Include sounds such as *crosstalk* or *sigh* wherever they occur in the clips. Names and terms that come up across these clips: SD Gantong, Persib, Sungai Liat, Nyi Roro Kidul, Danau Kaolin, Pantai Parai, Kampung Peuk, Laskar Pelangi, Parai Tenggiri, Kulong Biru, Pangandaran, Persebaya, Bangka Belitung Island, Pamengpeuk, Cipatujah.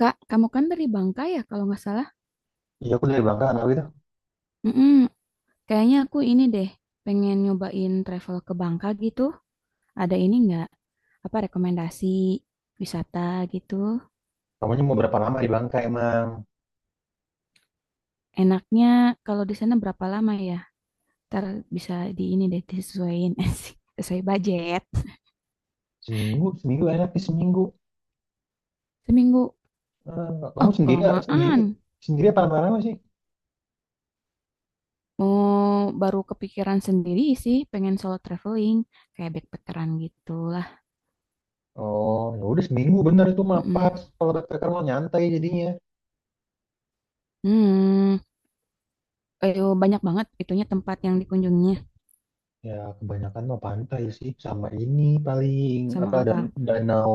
Kak, kamu kan dari Bangka ya kalau nggak salah? Iya aku dari Bangka anak itu. Mm-mm. Kayaknya aku ini deh, pengen nyobain travel ke Bangka gitu. Ada ini nggak? Apa rekomendasi wisata gitu? Kamunya mau berapa lama di Bangka emang? Enaknya kalau di sana berapa lama ya? Ntar bisa di ini deh disesuaiin *laughs* sih, sesuai budget. Seminggu, seminggu enak sih seminggu. Seminggu. Eh, kamu Oh, sendiri sendiri kelamaan. sendiri apa lama-lama sih? Mau Baru kepikiran sendiri sih, pengen solo traveling, kayak backpackeran gitu lah. Oh ya udah seminggu bener itu mah Mm-mm. pas. Kalau backpacker mau nyantai jadinya. Hmm, eh, banyak banget itunya tempat yang dikunjungi. Ya kebanyakan mau pantai sih sama ini paling apa Sama dan apa? danau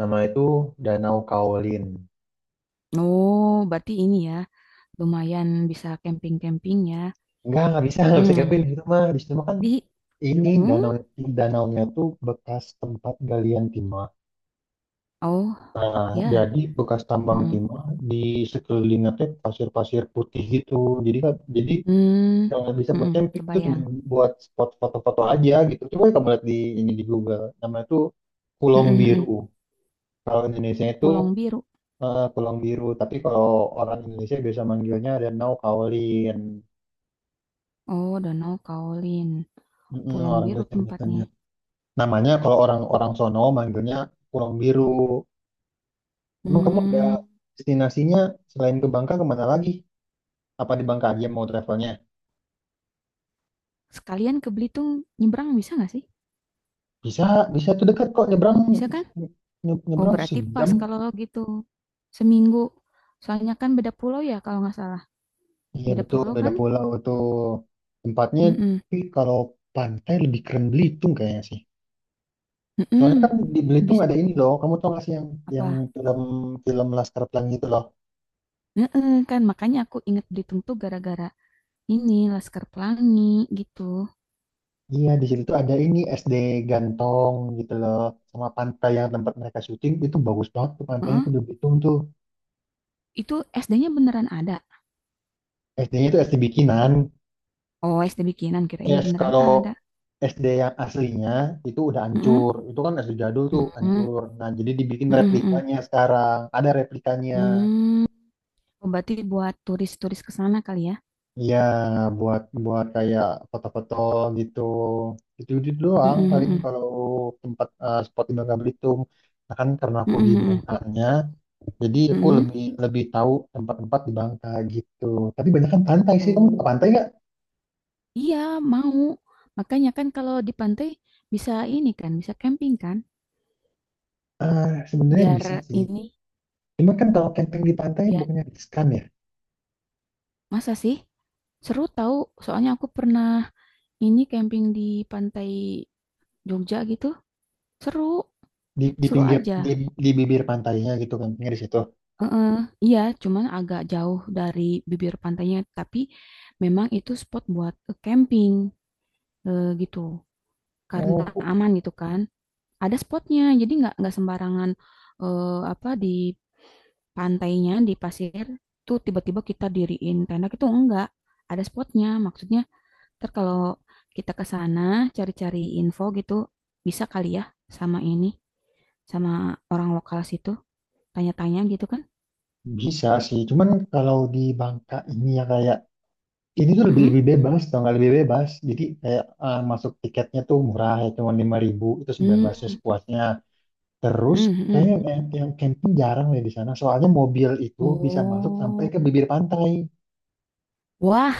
nama itu Danau Kaolin. Oh, berarti ini ya, lumayan bisa camping-camping ya. Enggak, nggak bisa Mmm, camping di situ mah. Di situ mah kan di ini mmm, danaunya tuh bekas tempat galian timah. oh, Nah, ya, jadi bekas tambang mhm, timah di sekelilingnya teh pasir-pasir putih gitu. Jadi mmm, yang bisa buat mhm, camping itu cuma kebayang, buat spot foto-foto aja gitu. Coba kamu lihat di ini di Google, namanya itu Kulong mhm Biru. mhm, Kalau Indonesia itu Pulang Biru, Kulong Biru, tapi kalau orang Indonesia biasa manggilnya Danau Kaolin. oh, Danau Kaolin, mm pulau orang Biru Indonesia tempatnya, biasanya. Namanya kalau orang-orang sono manggilnya Kulong Biru. Emang kamu ada mmm, destinasinya selain ke Bangka kemana lagi? Apa di Bangka aja mau travelnya? sekalian ke Belitung nyebrang bisa nggak sih? Bisa, bisa tuh dekat kok nyebrang Bisa kan? Oh, nyebrang berarti pas sejam. kalau gitu, seminggu, soalnya kan beda pulau ya kalau nggak salah, Iya beda betul, pulau beda kan? pulau tuh tempatnya. Mhm Tapi kalau pantai lebih keren Belitung kayaknya sih. Soalnya mhm. kan di Belitung bis ada ini loh. Kamu tau gak sih yang Apa? film film Laskar Pelangi itu loh. Heeh, kan makanya aku inget Belitung tuh gara-gara ini Laskar Pelangi gitu. Iya di situ tuh ada ini SD Gantong gitu loh. Sama pantai yang tempat mereka syuting itu bagus banget tuh pantainya Heeh. tuh di Belitung tuh. Itu SD-nya beneran ada. SD-nya itu SD bikinan. Oh, SD bikinan kirain Yes, beneran kalau ada. SD yang aslinya itu udah Heeh. hancur. Itu kan SD jadul tuh Heeh. hancur. Nah, jadi dibikin Heeh, heeh. replikanya sekarang. Ada replikanya. Hmm. Oh, berarti buat turis-turis ke sana kali ya. Iya, buat buat kayak foto-foto gitu. Itu doang Heeh, paling heeh. kalau spot di Bangka Belitung. Nah, kan karena aku di Heeh, heeh. Bangkanya, jadi aku Heeh. lebih lebih tahu tempat-tempat di Bangka gitu. Tapi banyak kan pantai sih. Kamu ke pantai Oh. nggak? Iya, mau. Makanya kan kalau di pantai bisa ini kan, bisa camping kan? Ah, sebenarnya Biar bisa sih. ini Cuma kan kalau camping di pantai biar bukannya riskan ya? masa sih? Seru tahu, soalnya aku pernah ini camping di pantai Jogja gitu, seru, Di seru pinggir aja. di bibir pantainya gitu campingnya di situ. Heeh, iya, cuman agak jauh dari bibir pantainya, tapi memang itu spot buat camping gitu, karena Oh, aman gitu kan. Ada spotnya, jadi nggak sembarangan apa di pantainya di pasir tuh tiba-tiba kita diriin tenda itu enggak. Ada spotnya, maksudnya ntar kalau kita ke sana cari-cari info gitu, bisa kali ya sama ini, sama orang lokal situ, tanya-tanya gitu kan? bisa sih, cuman kalau di Bangka ini ya kayak ini tuh lebih Mm-mm. lebih bebas, tau nggak lebih bebas. Jadi kayak masuk tiketnya tuh murah ya, cuma 5.000 itu Hmm, sebebasnya sepuasnya. Terus mm-mm, mm. kayaknya yang camping jarang deh di sana, soalnya mobil itu bisa masuk sampai Oh, ke bibir pantai. wah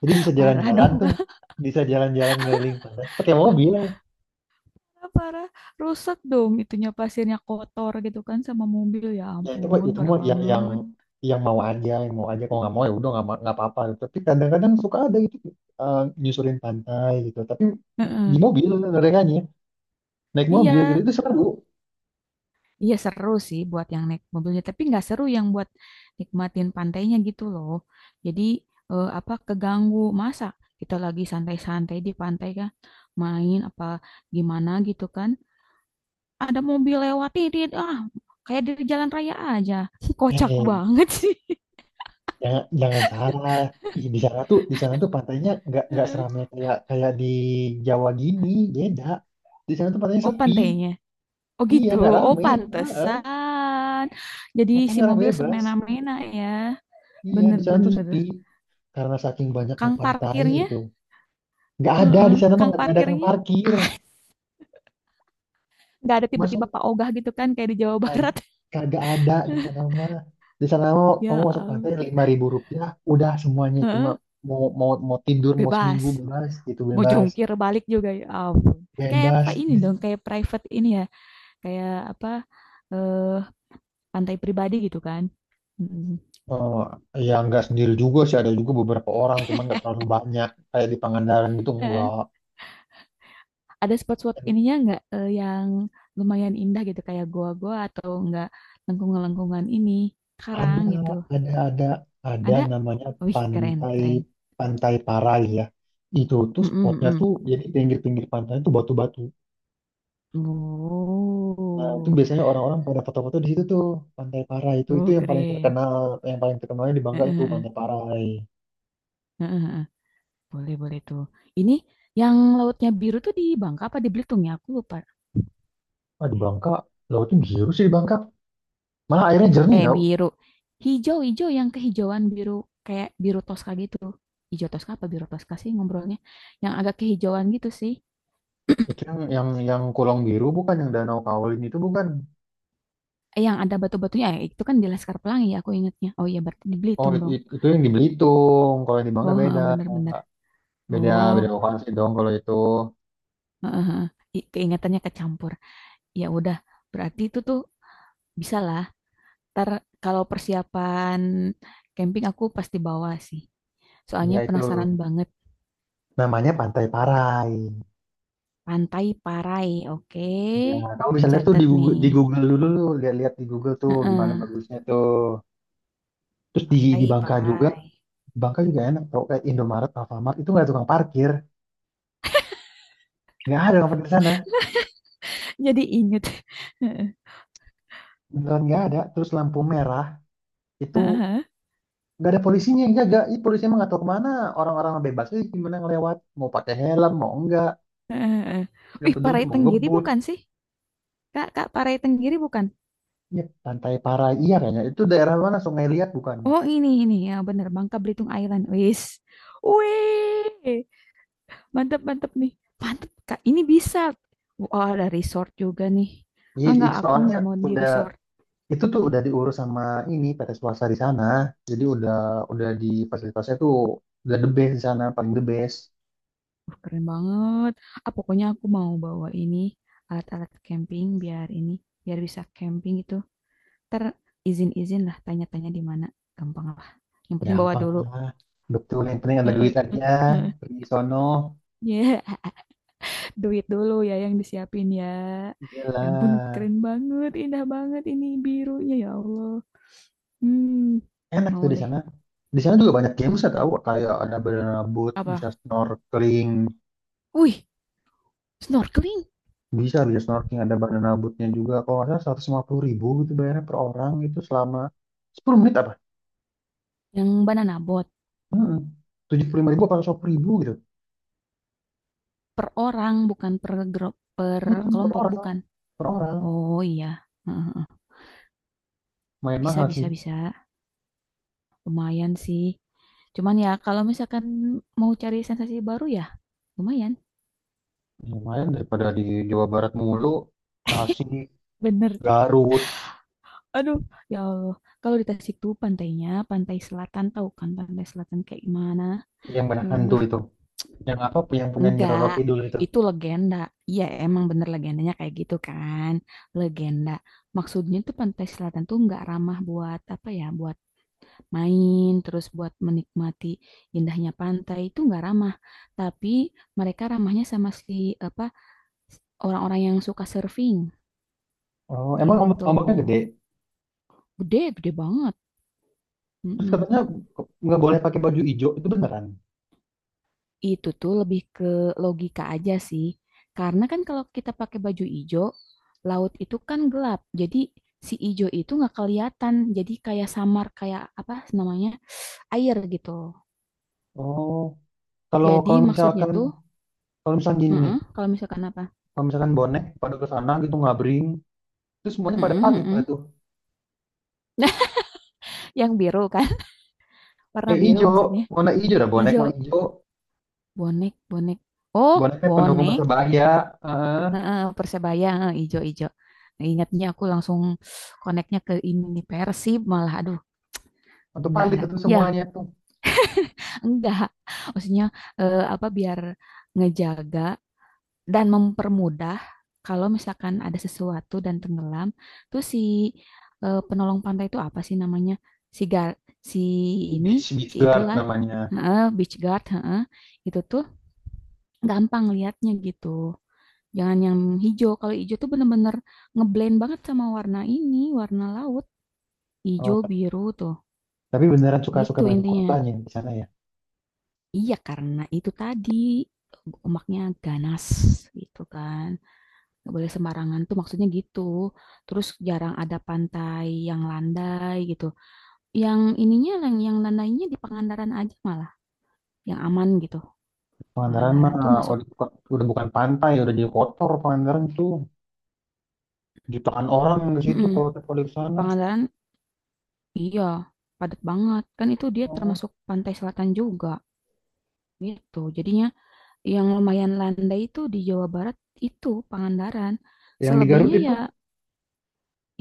Jadi bisa parah jalan-jalan dong, tuh, *laughs* bisa jalan-jalan ngeliling pantai pakai mobil. gak parah, rusak dong itunya pasirnya kotor gitu kan sama mobil ya Ya ampun itu parah mah yang yang banget. yang mau aja yang mau aja kalau nggak mau ya udah nggak apa-apa gitu. Tapi kadang-kadang suka ada gitu nyusurin pantai gitu, tapi di Heeh. mobil mereka naik mobil gitu Iya, itu seru. iya seru sih buat yang naik mobilnya, tapi nggak seru yang buat nikmatin pantainya gitu loh. Jadi, apa, keganggu. Masa kita lagi santai-santai di pantai kan, main apa gimana gitu kan, ada mobil lewat, "Tidit," ah, kayak di jalan raya aja. *laughs* Kocak eh, banget sih. *laughs* jangan jangan salah. Ih, di sana tuh pantainya nggak Heeh. seramai kayak kayak di Jawa gini, beda, di sana tuh pantainya Oh sepi, pantainya? Oh iya gitu? nggak Oh rame. Heeh. pantesan. Jadi si Makanya orang mobil bebas, semena-mena ya. iya Bener di sana tuh bener. sepi karena saking banyaknya Kang pantai parkirnya? itu, nggak ada, Heeh, di sana mah kang nggak ada kang parkirnya? parkir *laughs* Nggak ada tiba-tiba masuk. Pak Ogah gitu kan kayak di Jawa Ah, Barat. kagak ada di sana *laughs* mah. Di sana mah kamu Ya masuk pantai am- Rp5.000 udah semuanya, cuma mau mau mau tidur mau seminggu bebas bebas gitu mau bebas jungkir balik juga ya ampun kayak apa bebas ini Di- dong kayak private ini ya kayak apa eh pantai pribadi gitu kan, mm. eh ya nggak sendiri juga sih, ada juga beberapa orang cuman nggak terlalu banyak kayak di Pangandaran gitu Eh, enggak. ada spot-spot ininya nggak yang lumayan indah gitu kayak goa-goa atau nggak lengkungan-lengkungan ini karang ada gitu, ada ada ada ada namanya wih keren pantai keren. Pantai Parai ya, itu tuh Mm-mm, spotnya mm. tuh jadi pinggir-pinggir pantai tuh batu-batu. Nah, itu Oh, biasanya orang-orang pada foto-foto di situ tuh, Pantai Parai itu oh, yang paling keren. terkenal, yang paling terkenalnya di Heeh, Bangka itu heeh, Pantai Parai. heeh, heeh. Boleh boleh tuh. Ini yang lautnya biru tuh di Bangka apa di Belitung ya? Aku lupa. Ah, di Bangka, lautnya biru sih di Bangka. Malah airnya jernih Eh tau. biru. Hijau-hijau yang kehijauan biru kayak biru toska gitu. Hijau toska apa biru toska sih ngobrolnya? Yang agak kehijauan gitu sih. Itu yang kolong biru bukan, yang Danau Kaolin itu bukan. Eh yang ada batu-batunya itu kan di Laskar Pelangi ya aku ingatnya. Oh iya berarti di Oh, Belitung it- dong. it- itu yang di Belitung. Kalau yang di Bangka Oh heeh, beda. bener-bener. Beda Oh beda lokasi dong kalau itu. heeh, heeh. I- keingatannya kecampur. Ya udah berarti itu tuh bisa lah. Ntar kalau persiapan camping aku pasti bawa sih. Soalnya Iya itu. penasaran banget. Namanya Pantai Parai. Pantai Parai, oke. Iya, kamu bisa lihat tuh Catet di nih. Google dulu, lihat-lihat di Google tuh gimana Heeh, bagusnya tuh. Terus di Pantai Bangka juga, Parai. Bangka juga enak tau, kayak Indomaret, Alfamart itu nggak ada tukang parkir, nggak ada orang parkir di sana, *laughs* Jadi inget. Heeh, beneran nggak ada. Terus lampu merah itu heeh, heeh, nggak ada polisinya yang jaga, ini polisinya emang nggak tahu kemana, orang-orang bebas aja gimana ngelewat, mau pakai helm mau enggak, heeh. nggak Ih, peduli Parai mau Tenggiri ngebut. bukan sih? Kak, Kak, Parai Tenggiri bukan? Ya, Pantai Parai iya kayaknya itu daerah mana, Sungai Liat bukan? Oh, ini, ini. Ya, bener. Bangka Belitung Island. Wis. Wih, mantep, mantep nih. Mantep, Kak. Ini bisa. Wah, ada resort juga nih. Iya, Ah, enggak, itu aku soalnya nggak mau di udah resort. itu tuh udah diurus sama ini PT swasta di sana, jadi udah di fasilitasnya tuh udah the best di sana paling the best. Wah, keren banget. Ah, pokoknya aku mau bawa ini alat-alat camping biar ini biar bisa camping gitu. Ter Izin-izin lah tanya-tanya di mana gampang lah. Yang penting bawa Gampang dulu. lah. Betul, yang penting ada Heeh, duit aja. heeh. Pergi sono. Ya, *laughs* duit dulu ya yang disiapin ya. Ya ampun, Iyalah. keren banget, indah banget ini birunya ya Allah. Hmm, Enak mau tuh di deh. sana. Di sana juga banyak games saya tahu. Kayak ada banana boat, bisa Apa? snorkeling. Wih, snorkeling Bisa, bisa snorkeling. Ada banana boatnya juga. Kalau nggak salah 150.000 gitu bayarnya per orang. Itu selama 10 menit apa? yang banana boat Mm-mm. 75.000 atau 100 ribu gitu. per orang bukan per grup per Mm-mm, per kelompok bukan. orang. Per orang. Oh iya. Heeh. Main Bisa mahal bisa sih. bisa. Lumayan sih. Cuman ya kalau misalkan mau cari sensasi baru ya lumayan. Lumayan daripada di Jawa Barat mulu. Tasik, Bener. Garut. Aduh, ya Allah. Kalau di Tasik tuh pantainya, pantai selatan tahu kan pantai selatan kayak gimana? Yang banyak hantu Aduh, itu. Yang apa yang punya Nyi Roro enggak. Kidul itu. Itu legenda. Iya, emang bener legendanya kayak gitu kan. Legenda. Maksudnya tuh pantai selatan tuh enggak ramah buat apa ya, buat main, terus buat menikmati indahnya pantai itu enggak ramah. Tapi mereka ramahnya sama si apa orang-orang yang suka surfing, Oh, emang ombak, gitu. ombaknya gede. Gede, gede banget, Terus mhm. katanya nggak boleh pakai baju hijau itu beneran. Itu tuh lebih ke logika aja sih, karena kan kalau kita pakai baju ijo, laut itu kan gelap, jadi si ijo itu nggak kelihatan, jadi kayak samar, kayak apa namanya, air gitu. Oh, kalau Jadi maksudnya tuh kalau misalkan gini nih, heeh, kalau misalkan apa? kalau misalkan bonek pada ke sana gitu ngabring, terus semuanya pada Mhm pamit lah mhm. tuh. Nah, *laughs* yang biru kan, warna Eh biru hijau, maksudnya, warna hijau dah bonek ijo, mah hijau. bonek bonek. Oh, Boneknya pendukung bonek? Persebaya, eh Heeh, Persebaya, heeh, ijo-ijo. Ingatnya aku langsung koneknya ke ini nih, Persib malah aduh untuk enggak palit enggak. itu Ya, semuanya tuh. enggak. Maksudnya apa biar ngejaga dan mempermudah kalau misalkan ada sesuatu dan tenggelam, tuh si penolong pantai itu apa sih namanya? Si gar Si Beach ini, Beach si Guard itulah, namanya. heeh, beach guard, heeh. Itu tuh gampang liatnya gitu. Jangan yang hijau. Kalau hijau tuh bener-bener ngeblend banget sama warna ini, warna laut. Hijau, Oh, biru tuh. tapi beneran suka-suka Gitu banyak intinya. kotanya di sana ya. Iya, karena itu tadi omaknya ganas gitu kan. Gak boleh sembarangan tuh maksudnya gitu. Terus jarang ada pantai yang landai gitu. Yang ininya yang, landainya di Pangandaran aja malah, yang aman gitu. Pangandaran mah Pangandaran tuh masuk udah bukan pantai, udah jadi kotor Pangandaran tuh. Jutaan orang yang ke situ mm-mm. Kalau di sana. Pangandaran iya, padat banget. Kan itu dia Oh. termasuk pantai selatan juga gitu. Jadinya yang lumayan landai itu di Jawa Barat itu Pangandaran. Yang di Garut Selebihnya itu, ya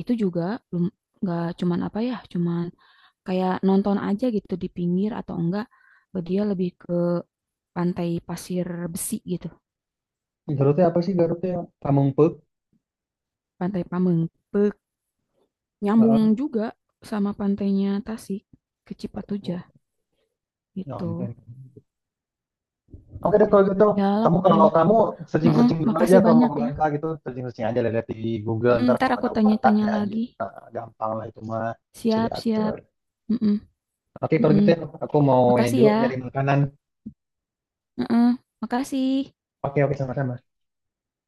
itu juga belum nggak cuman apa ya, cuman kayak nonton aja gitu di pinggir atau enggak dia lebih ke pantai pasir besi gitu, di Garutnya apa sih Garutnya? Kampung Peuk. pantai Pamengpeuk. Nyambung Heeh. juga sama pantainya Tasik ke Oh, Cipatujah ya gitu. ampun. Oke deh kalau gitu, Ya lah kalau pokoknya. kamu Heeh, searching-searching dulu aja makasih kalau mau banyak ke ya. Bangka gitu, searching-searching aja lihat di Google Mm, ntar ntar kalau aku ada apa tanya-tanya tanya aja. lagi. Nah, gampang lah itu mah bisa Siap, siap. diatur. Mm-mm, Oke kalau mm-mm. gitu ya, aku mau ini Makasih dulu ya. nyari makanan. Heeh, makasih. Oke oke sama-sama.